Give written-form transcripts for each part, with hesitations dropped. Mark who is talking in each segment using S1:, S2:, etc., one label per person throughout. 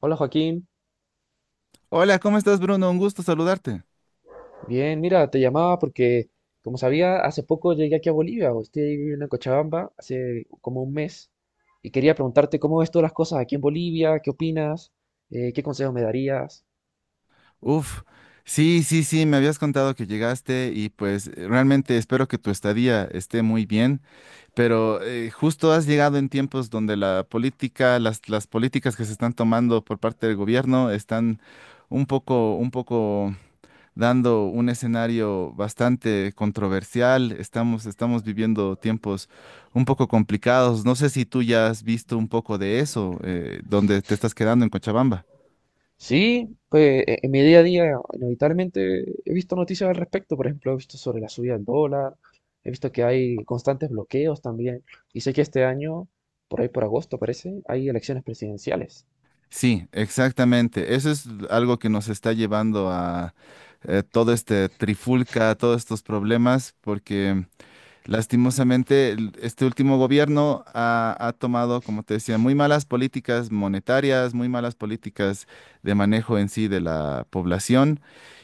S1: Hola Joaquín.
S2: Hola, ¿cómo estás, Bruno? Un gusto saludarte.
S1: Bien, mira, te llamaba porque, como sabía, hace poco llegué aquí a Bolivia, o estoy viviendo en Cochabamba hace como un mes, y quería preguntarte cómo ves todas las cosas aquí en Bolivia, qué opinas, qué consejos me darías.
S2: Uf, sí, sí, sí, me habías contado que llegaste, y pues realmente espero que tu estadía esté muy bien, pero justo has llegado en tiempos donde la política, las políticas que se están tomando por parte del gobierno están un poco dando un escenario bastante controversial. Estamos viviendo tiempos un poco complicados. No sé si tú ya has visto un poco de eso, donde te estás quedando en Cochabamba.
S1: Sí, pues en mi día a día inevitablemente he visto noticias al respecto, por ejemplo, he visto sobre la subida del dólar, he visto que hay constantes bloqueos también, y sé que este año, por ahí por agosto parece, hay elecciones presidenciales.
S2: Sí, exactamente. Eso es algo que nos está llevando a todo este trifulca, todos estos problemas, porque lastimosamente, este último gobierno ha tomado, como te decía, muy malas políticas monetarias, muy malas políticas de manejo en sí de la población,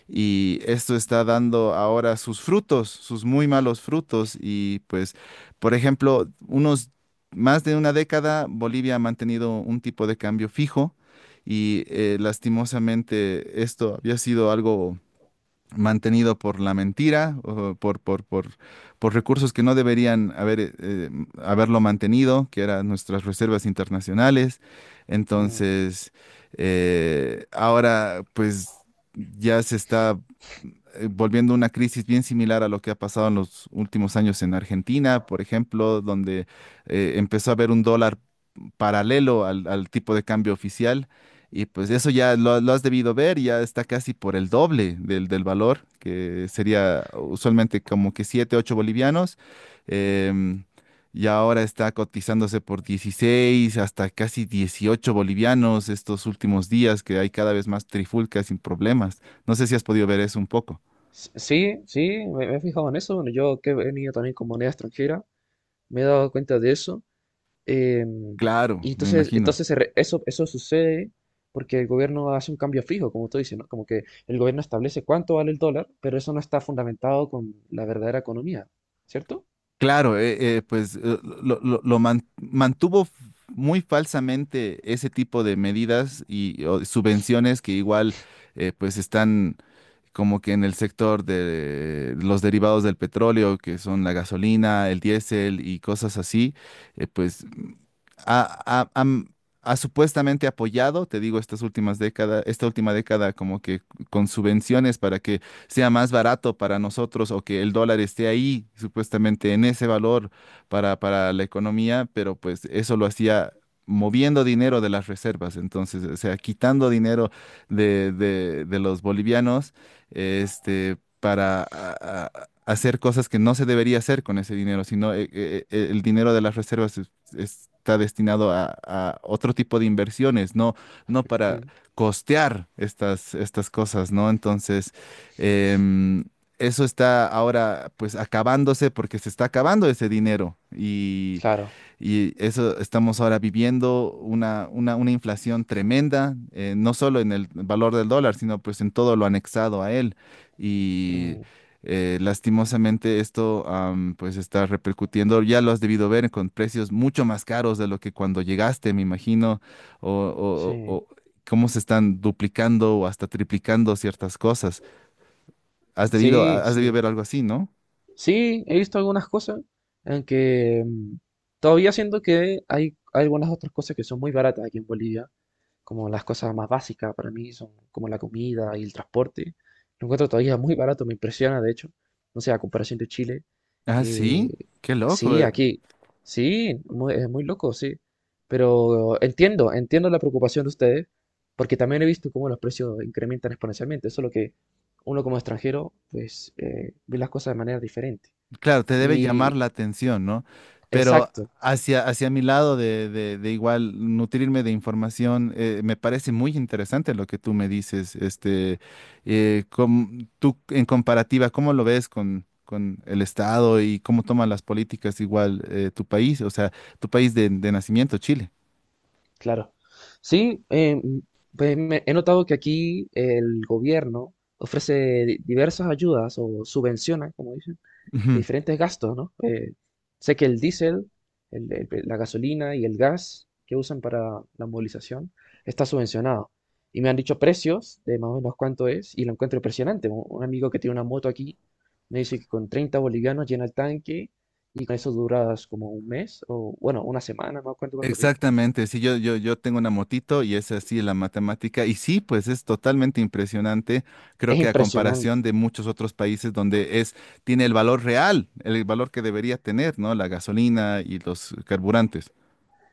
S2: y esto está dando ahora sus frutos, sus muy malos frutos. Y pues, por ejemplo, unos más de una década Bolivia ha mantenido un tipo de cambio fijo, y lastimosamente esto había sido algo mantenido por la mentira, o por recursos que no deberían haber, haberlo mantenido, que eran nuestras reservas internacionales. Entonces, ahora pues ya se está volviendo una crisis bien similar a lo que ha pasado en los últimos años en Argentina, por ejemplo, donde empezó a haber un dólar paralelo al tipo de cambio oficial. Y pues eso ya lo has debido ver, ya está casi por el doble del valor, que sería usualmente como que 7 8 bolivianos. em, y ahora está cotizándose por 16 hasta casi 18 bolivianos estos últimos días, que hay cada vez más trifulcas sin problemas. No sé si has podido ver eso un poco.
S1: Sí, sí, me he fijado en eso. Bueno, yo que he venido también con moneda extranjera, me he dado cuenta de eso. em,
S2: Claro,
S1: y
S2: me
S1: entonces,
S2: imagino.
S1: entonces eso sucede porque el gobierno hace un cambio fijo, como tú dices, ¿no? Como que el gobierno establece cuánto vale el dólar, pero eso no está fundamentado con la verdadera economía, ¿cierto?
S2: Claro, pues mantuvo muy falsamente ese tipo de medidas, y o subvenciones que igual pues están como que en el sector de los derivados del petróleo, que son la gasolina, el diésel y cosas así. Pues ha, ha- am- ha supuestamente apoyado, te digo, estas últimas décadas, esta última década, como que con subvenciones para que sea más barato para nosotros, o que el dólar esté ahí, supuestamente en ese valor, para la economía, pero pues eso lo hacía moviendo dinero de las reservas, entonces, o sea, quitando dinero de los bolivianos, este, para, hacer cosas que no se debería hacer con ese dinero, sino el dinero de las reservas está destinado a otro tipo de inversiones, no, no para
S1: Mm,
S2: costear estas cosas, ¿no? Entonces, em, eso está ahora pues acabándose porque se está acabando ese dinero, y
S1: claro.
S2: y eso estamos ahora viviendo una inflación tremenda, no solo en el valor del dólar, sino pues en todo lo anexado a él. Y
S1: Mm,
S2: lastimosamente esto, pues está repercutiendo, ya lo has debido ver con precios mucho más caros de lo que cuando llegaste, me imagino, o, o-
S1: sí,
S2: o- cómo se están duplicando o hasta triplicando ciertas cosas. Has debido,
S1: sí,
S2: has debido
S1: sí.
S2: ver algo así, ¿no?
S1: Sí, he visto algunas cosas, aunque todavía siento que hay algunas otras cosas que son muy baratas aquí en Bolivia, como las cosas más básicas para mí son como la comida y el transporte. Lo encuentro todavía muy barato, me impresiona de hecho. No sé, a comparación de Chile.
S2: Ah,
S1: eh,
S2: sí, qué loco.
S1: sí, aquí. Sí, es muy loco, sí. Pero entiendo la preocupación de ustedes, porque también he visto cómo los precios incrementan exponencialmente. Solo que uno como extranjero, pues, ve las cosas de manera diferente.
S2: Claro, te debe llamar
S1: Y
S2: la atención, ¿no? Pero
S1: exacto,
S2: hacia mi lado de igual nutrirme de información, me parece muy interesante lo que tú me dices, este, tú en comparativa, ¿cómo lo ves con el Estado y cómo toman las políticas igual tu país? O sea, tu país de nacimiento, ¿Chile?
S1: claro. Sí, pues he notado que aquí el gobierno ofrece diversas ayudas o subvenciona, como dicen,
S2: Ujú.
S1: diferentes gastos, ¿no? Sé que el diésel, la gasolina y el gas que usan para la movilización está subvencionado. Y me han dicho precios de más o menos cuánto es y lo encuentro impresionante. Un amigo que tiene una moto aquí me dice que con 30 bolivianos llena el tanque y con eso duras como un mes o, bueno, una semana, no me acuerdo cuánto me dijo.
S2: Exactamente, sí, yo tengo una motito y es así la matemática. Y sí, pues es totalmente impresionante. Creo
S1: Es
S2: que a comparación
S1: impresionante.
S2: de muchos otros países donde es, tiene el valor real, el valor que debería tener, ¿no? La gasolina y los carburantes.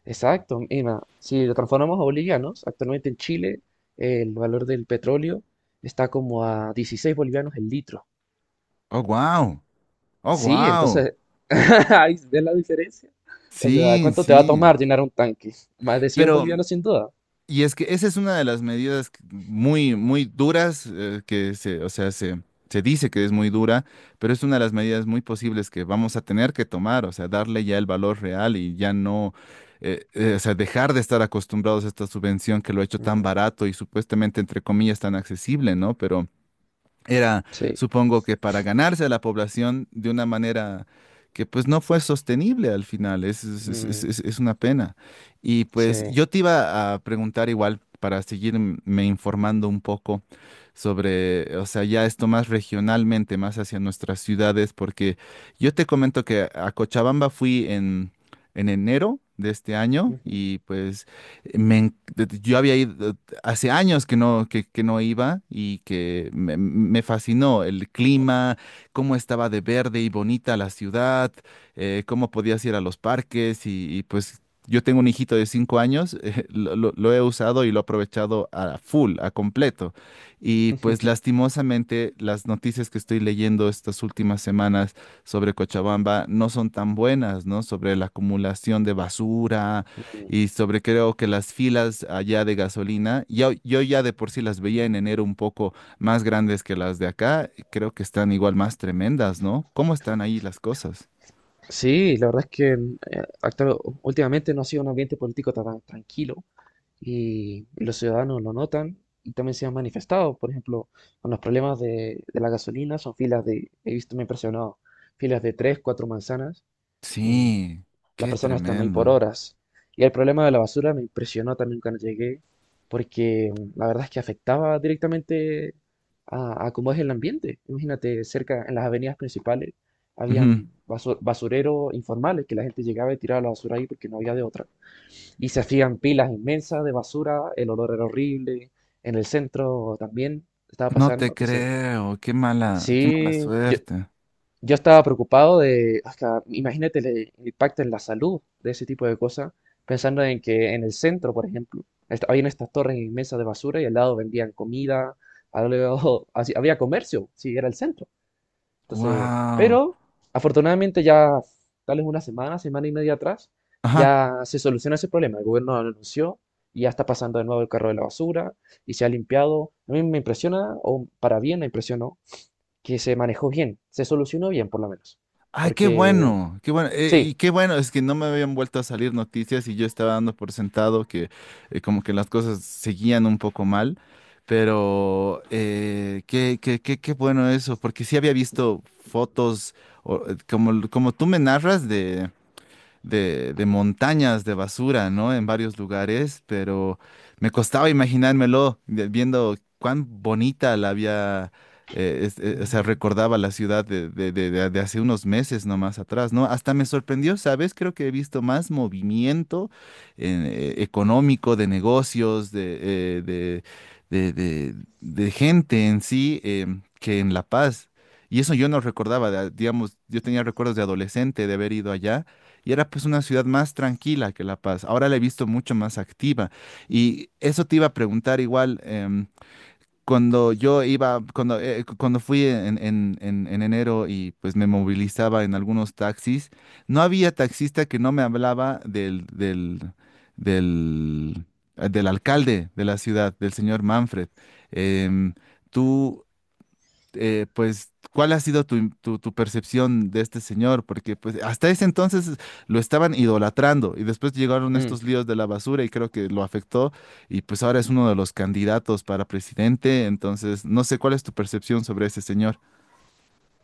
S1: Exacto. Mira, si lo transformamos a bolivianos, actualmente en Chile el valor del petróleo está como a 16 bolivianos el litro.
S2: Oh, wow. Oh,
S1: Sí,
S2: wow.
S1: entonces, ahí, ¿ves la diferencia? O sea,
S2: Sí,
S1: ¿cuánto te va a
S2: sí.
S1: tomar llenar un tanque? Más de 100
S2: Pero,
S1: bolivianos sin duda.
S2: y es que esa es una de las medidas muy, muy duras, que o sea, se dice que es muy dura, pero es una de las medidas muy posibles que vamos a tener que tomar, o sea, darle ya el valor real y ya no, o sea, dejar de estar acostumbrados a esta subvención que lo ha hecho tan
S1: Mm,
S2: barato y supuestamente, entre comillas, tan accesible, ¿no? Pero era,
S1: sí,
S2: supongo que para ganarse a la población de una manera que pues no fue sostenible al final,
S1: mm,
S2: es una pena. Y pues
S1: sí.
S2: yo te iba a preguntar igual, para seguirme informando un poco sobre, o sea, ya esto más regionalmente, más hacia nuestras ciudades, porque yo te comento que a Cochabamba fui en enero de este año,
S1: Ujú.
S2: y pues me, en- yo había ido, hace años que no iba, y que me fascinó el clima, cómo estaba de verde y bonita la ciudad, cómo podías ir a los parques, pues yo tengo un hijito de 5 años. Lo he usado y lo he aprovechado a full, a completo. Y pues lastimosamente las noticias que estoy leyendo estas últimas semanas sobre Cochabamba no son tan buenas, ¿no? Sobre la acumulación de basura,
S1: Mm.
S2: y sobre creo que las filas allá de gasolina, yo ya de por sí las veía en enero un poco más grandes que las de acá, y creo que están igual más tremendas, ¿no? ¿Cómo están ahí las cosas?
S1: Sí, la verdad es que últimamente no ha sido un ambiente político tan tranquilo. Y los ciudadanos lo notan y también se han manifestado, por ejemplo, con los problemas de la gasolina. Son filas de, he visto, me ha impresionado, filas de tres, cuatro manzanas, em,
S2: Sí,
S1: las
S2: qué
S1: personas están ahí por
S2: tremendo.
S1: horas. Y el problema de la basura me impresionó también cuando llegué, porque la verdad es que afectaba directamente a cómo es el ambiente. Imagínate, cerca, en las avenidas principales,
S2: Ujú.
S1: habían basureros informales que la gente llegaba y tiraba la basura ahí porque no había de otra. Y se hacían pilas inmensas de basura, el olor era horrible, en el centro también estaba
S2: No
S1: pasando.
S2: te
S1: Entonces,
S2: creo, qué mala
S1: sí, yo,
S2: suerte.
S1: yo estaba preocupado de, hasta, imagínate el impacto en la salud de ese tipo de cosas, pensando en que en el centro, por ejemplo, habían estas torres inmensas de basura y al lado vendían comida, al lado, así, había comercio, sí, era el centro. Entonces,
S2: Wow.
S1: pero afortunadamente ya, tal vez una semana, semana y media atrás,
S2: Ajá.
S1: ya se solucionó ese problema. El gobierno lo anunció y ya está pasando de nuevo el carro de la basura y se ha limpiado. A mí me impresiona, o para bien me impresionó, que se manejó bien, se solucionó bien por lo menos.
S2: Ay,
S1: Porque
S2: qué bueno, y
S1: sí.
S2: qué bueno. Es que no me habían vuelto a salir noticias y yo estaba dando por sentado que como que las cosas seguían un poco mal, pero qué bueno eso, porque sí había visto fotos, o, como tú me narras de montañas de basura, ¿no? En varios lugares, pero me costaba imaginármelo, viendo cuán bonita la había, o sea,
S1: Ujú.
S2: recordaba la ciudad de hace unos meses nomás atrás, ¿no? Hasta me sorprendió, ¿sabes? Creo que he visto más movimiento económico, de negocios, de, eh, de, de, de- de gente en sí, que en La Paz. Y eso yo no recordaba, digamos, yo tenía recuerdos de adolescente de haber ido allá, y era pues una ciudad más tranquila que La Paz. Ahora la he visto mucho más activa. Y eso te iba a preguntar igual, cuando yo iba, cuando, cuando fui en enero, y pues me movilizaba en algunos taxis, no había taxista que no me hablaba del, del alcalde de la ciudad, del señor Manfred. Em, tú pues, ¿cuál ha sido tu percepción de este señor? Porque pues hasta ese entonces lo estaban idolatrando, y después llegaron
S1: mm,
S2: estos líos de la basura, y creo que lo afectó, y pues ahora es uno de los candidatos para presidente, entonces no sé cuál es tu percepción sobre ese señor.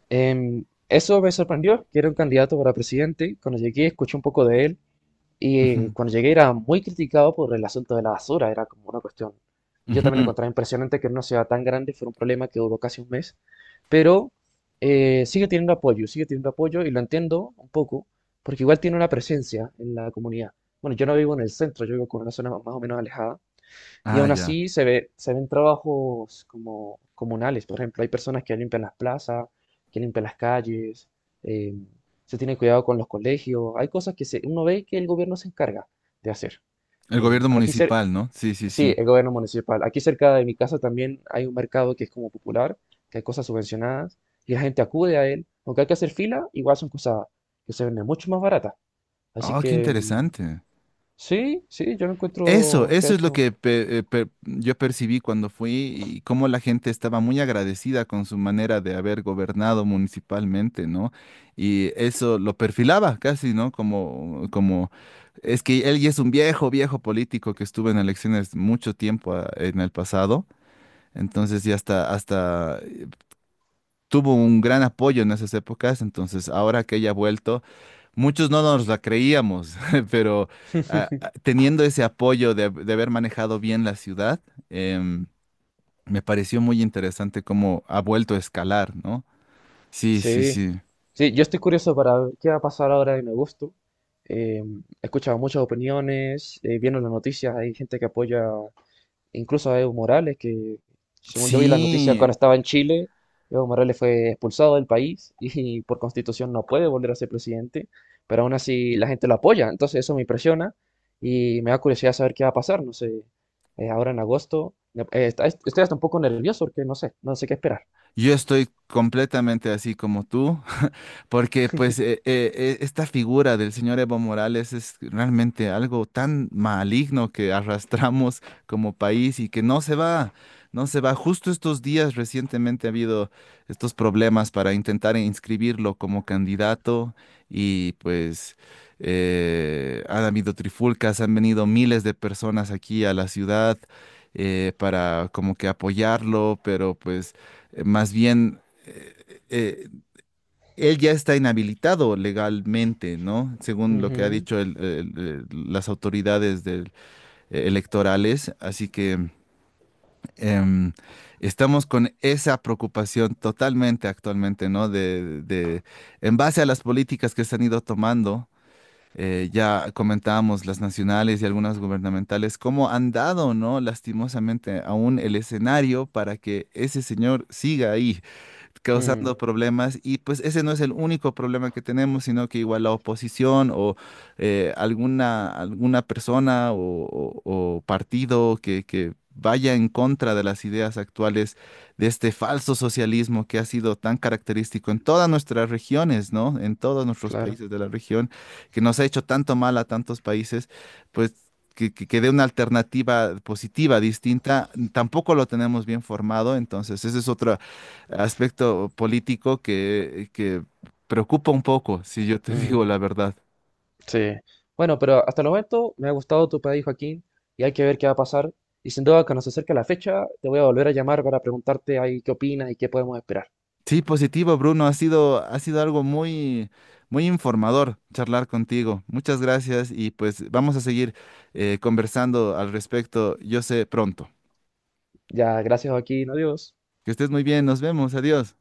S1: eso me sorprendió, que era un candidato para presidente. Cuando llegué escuché un poco de él. Y
S2: Ujú,
S1: cuando llegué era muy criticado por el asunto de la basura, era como una cuestión. Y yo también
S2: ujú.
S1: encontraba impresionante que en una ciudad tan grande fuera un problema que duró casi un mes, pero sigue teniendo apoyo y lo entiendo un poco, porque igual tiene una presencia en la comunidad. Bueno, yo no vivo en el centro, yo vivo con una zona más o menos alejada, y
S2: Ah,
S1: aún
S2: ya.
S1: así se ve, se ven trabajos como comunales. Por ejemplo, hay personas que limpian las plazas, que limpian las calles, eh, se tiene cuidado con los colegios. Hay cosas que se, uno ve que el gobierno se encarga de hacer.
S2: El gobierno
S1: Aquí
S2: municipal, ¿no? Sí, sí,
S1: sí,
S2: sí.
S1: el gobierno municipal. Aquí cerca de mi casa también hay un mercado que es como popular, que hay cosas subvencionadas y la gente acude a él. Aunque hay que hacer fila, igual son cosas que se venden mucho más baratas. Así
S2: Oh, qué
S1: que
S2: interesante.
S1: sí, sí, yo lo
S2: Eso,
S1: encuentro que ha
S2: eso es lo
S1: hecho.
S2: que yo percibí cuando fui, y cómo la gente estaba muy agradecida con su manera de haber gobernado municipalmente, ¿no? Y eso lo perfilaba casi, ¿no? Es que él ya es un viejo, viejo político que estuvo en elecciones mucho tiempo en el pasado, entonces ya hasta tuvo un gran apoyo en esas épocas, entonces ahora que haya vuelto, muchos no nos la creíamos, pero teniendo ese apoyo de haber manejado bien la ciudad, em, me pareció muy interesante cómo ha vuelto a escalar, ¿no? Sí, sí,
S1: Sí,
S2: sí.
S1: sí, yo estoy curioso para ver qué va a pasar ahora en agosto. Eh, He escuchado muchas opiniones, viendo las noticias, hay gente que apoya incluso a Evo Morales, que según yo vi las noticias
S2: Sí,
S1: cuando estaba en Chile, Evo Morales fue expulsado del país y por constitución no puede volver a ser presidente, pero aún así la gente lo apoya, entonces eso me impresiona y me da curiosidad saber qué va a pasar, no sé, ahora en agosto, estoy hasta un poco nervioso porque no sé, no sé qué esperar.
S2: yo estoy completamente así como tú. Porque pues esta figura del señor Evo Morales es realmente algo tan maligno que arrastramos como país y que no se va, no se va. Justo estos días recientemente ha habido estos problemas para intentar inscribirlo como candidato, y pues han habido trifulcas, han venido miles de personas aquí a la ciudad para como que apoyarlo, pero pues más bien eh, eh, él ya está inhabilitado legalmente, ¿no? Según lo que ha
S1: Ujú,
S2: dicho las autoridades electorales. Así que em, estamos con esa preocupación totalmente actualmente, ¿no? En base a las políticas que se han ido tomando. Ya comentábamos las nacionales y algunas gubernamentales, cómo han dado, ¿no? Lastimosamente aún el escenario para que ese señor siga ahí
S1: mm,
S2: causando problemas, y pues ese no es el único problema que tenemos, sino que igual la oposición o alguna persona o- o partido que vaya en contra de las ideas actuales de este falso socialismo que ha sido tan característico en todas nuestras regiones, ¿no? En todos nuestros
S1: claro.
S2: países de la región, que nos ha hecho tanto mal a tantos países, pues, que dé una alternativa positiva, distinta, tampoco lo tenemos bien formado. Entonces esa es otra, aspecto político que preocupa un poco, si yo te
S1: Mm,
S2: digo la verdad.
S1: sí. Bueno, pero hasta el momento me ha gustado tu país, Joaquín, y hay que ver qué va a pasar. Y sin duda, cuando se acerque la fecha, te voy a volver a llamar para preguntarte ahí qué opinas y qué podemos esperar.
S2: Sí, positivo, Bruno, ha sido algo muy, muy informador charlar contigo. Muchas gracias, y pues vamos a seguir conversando al respecto, yo sé, pronto.
S1: Ya, gracias, Joaquín. Adiós.
S2: Que estés muy bien, nos vemos, adiós.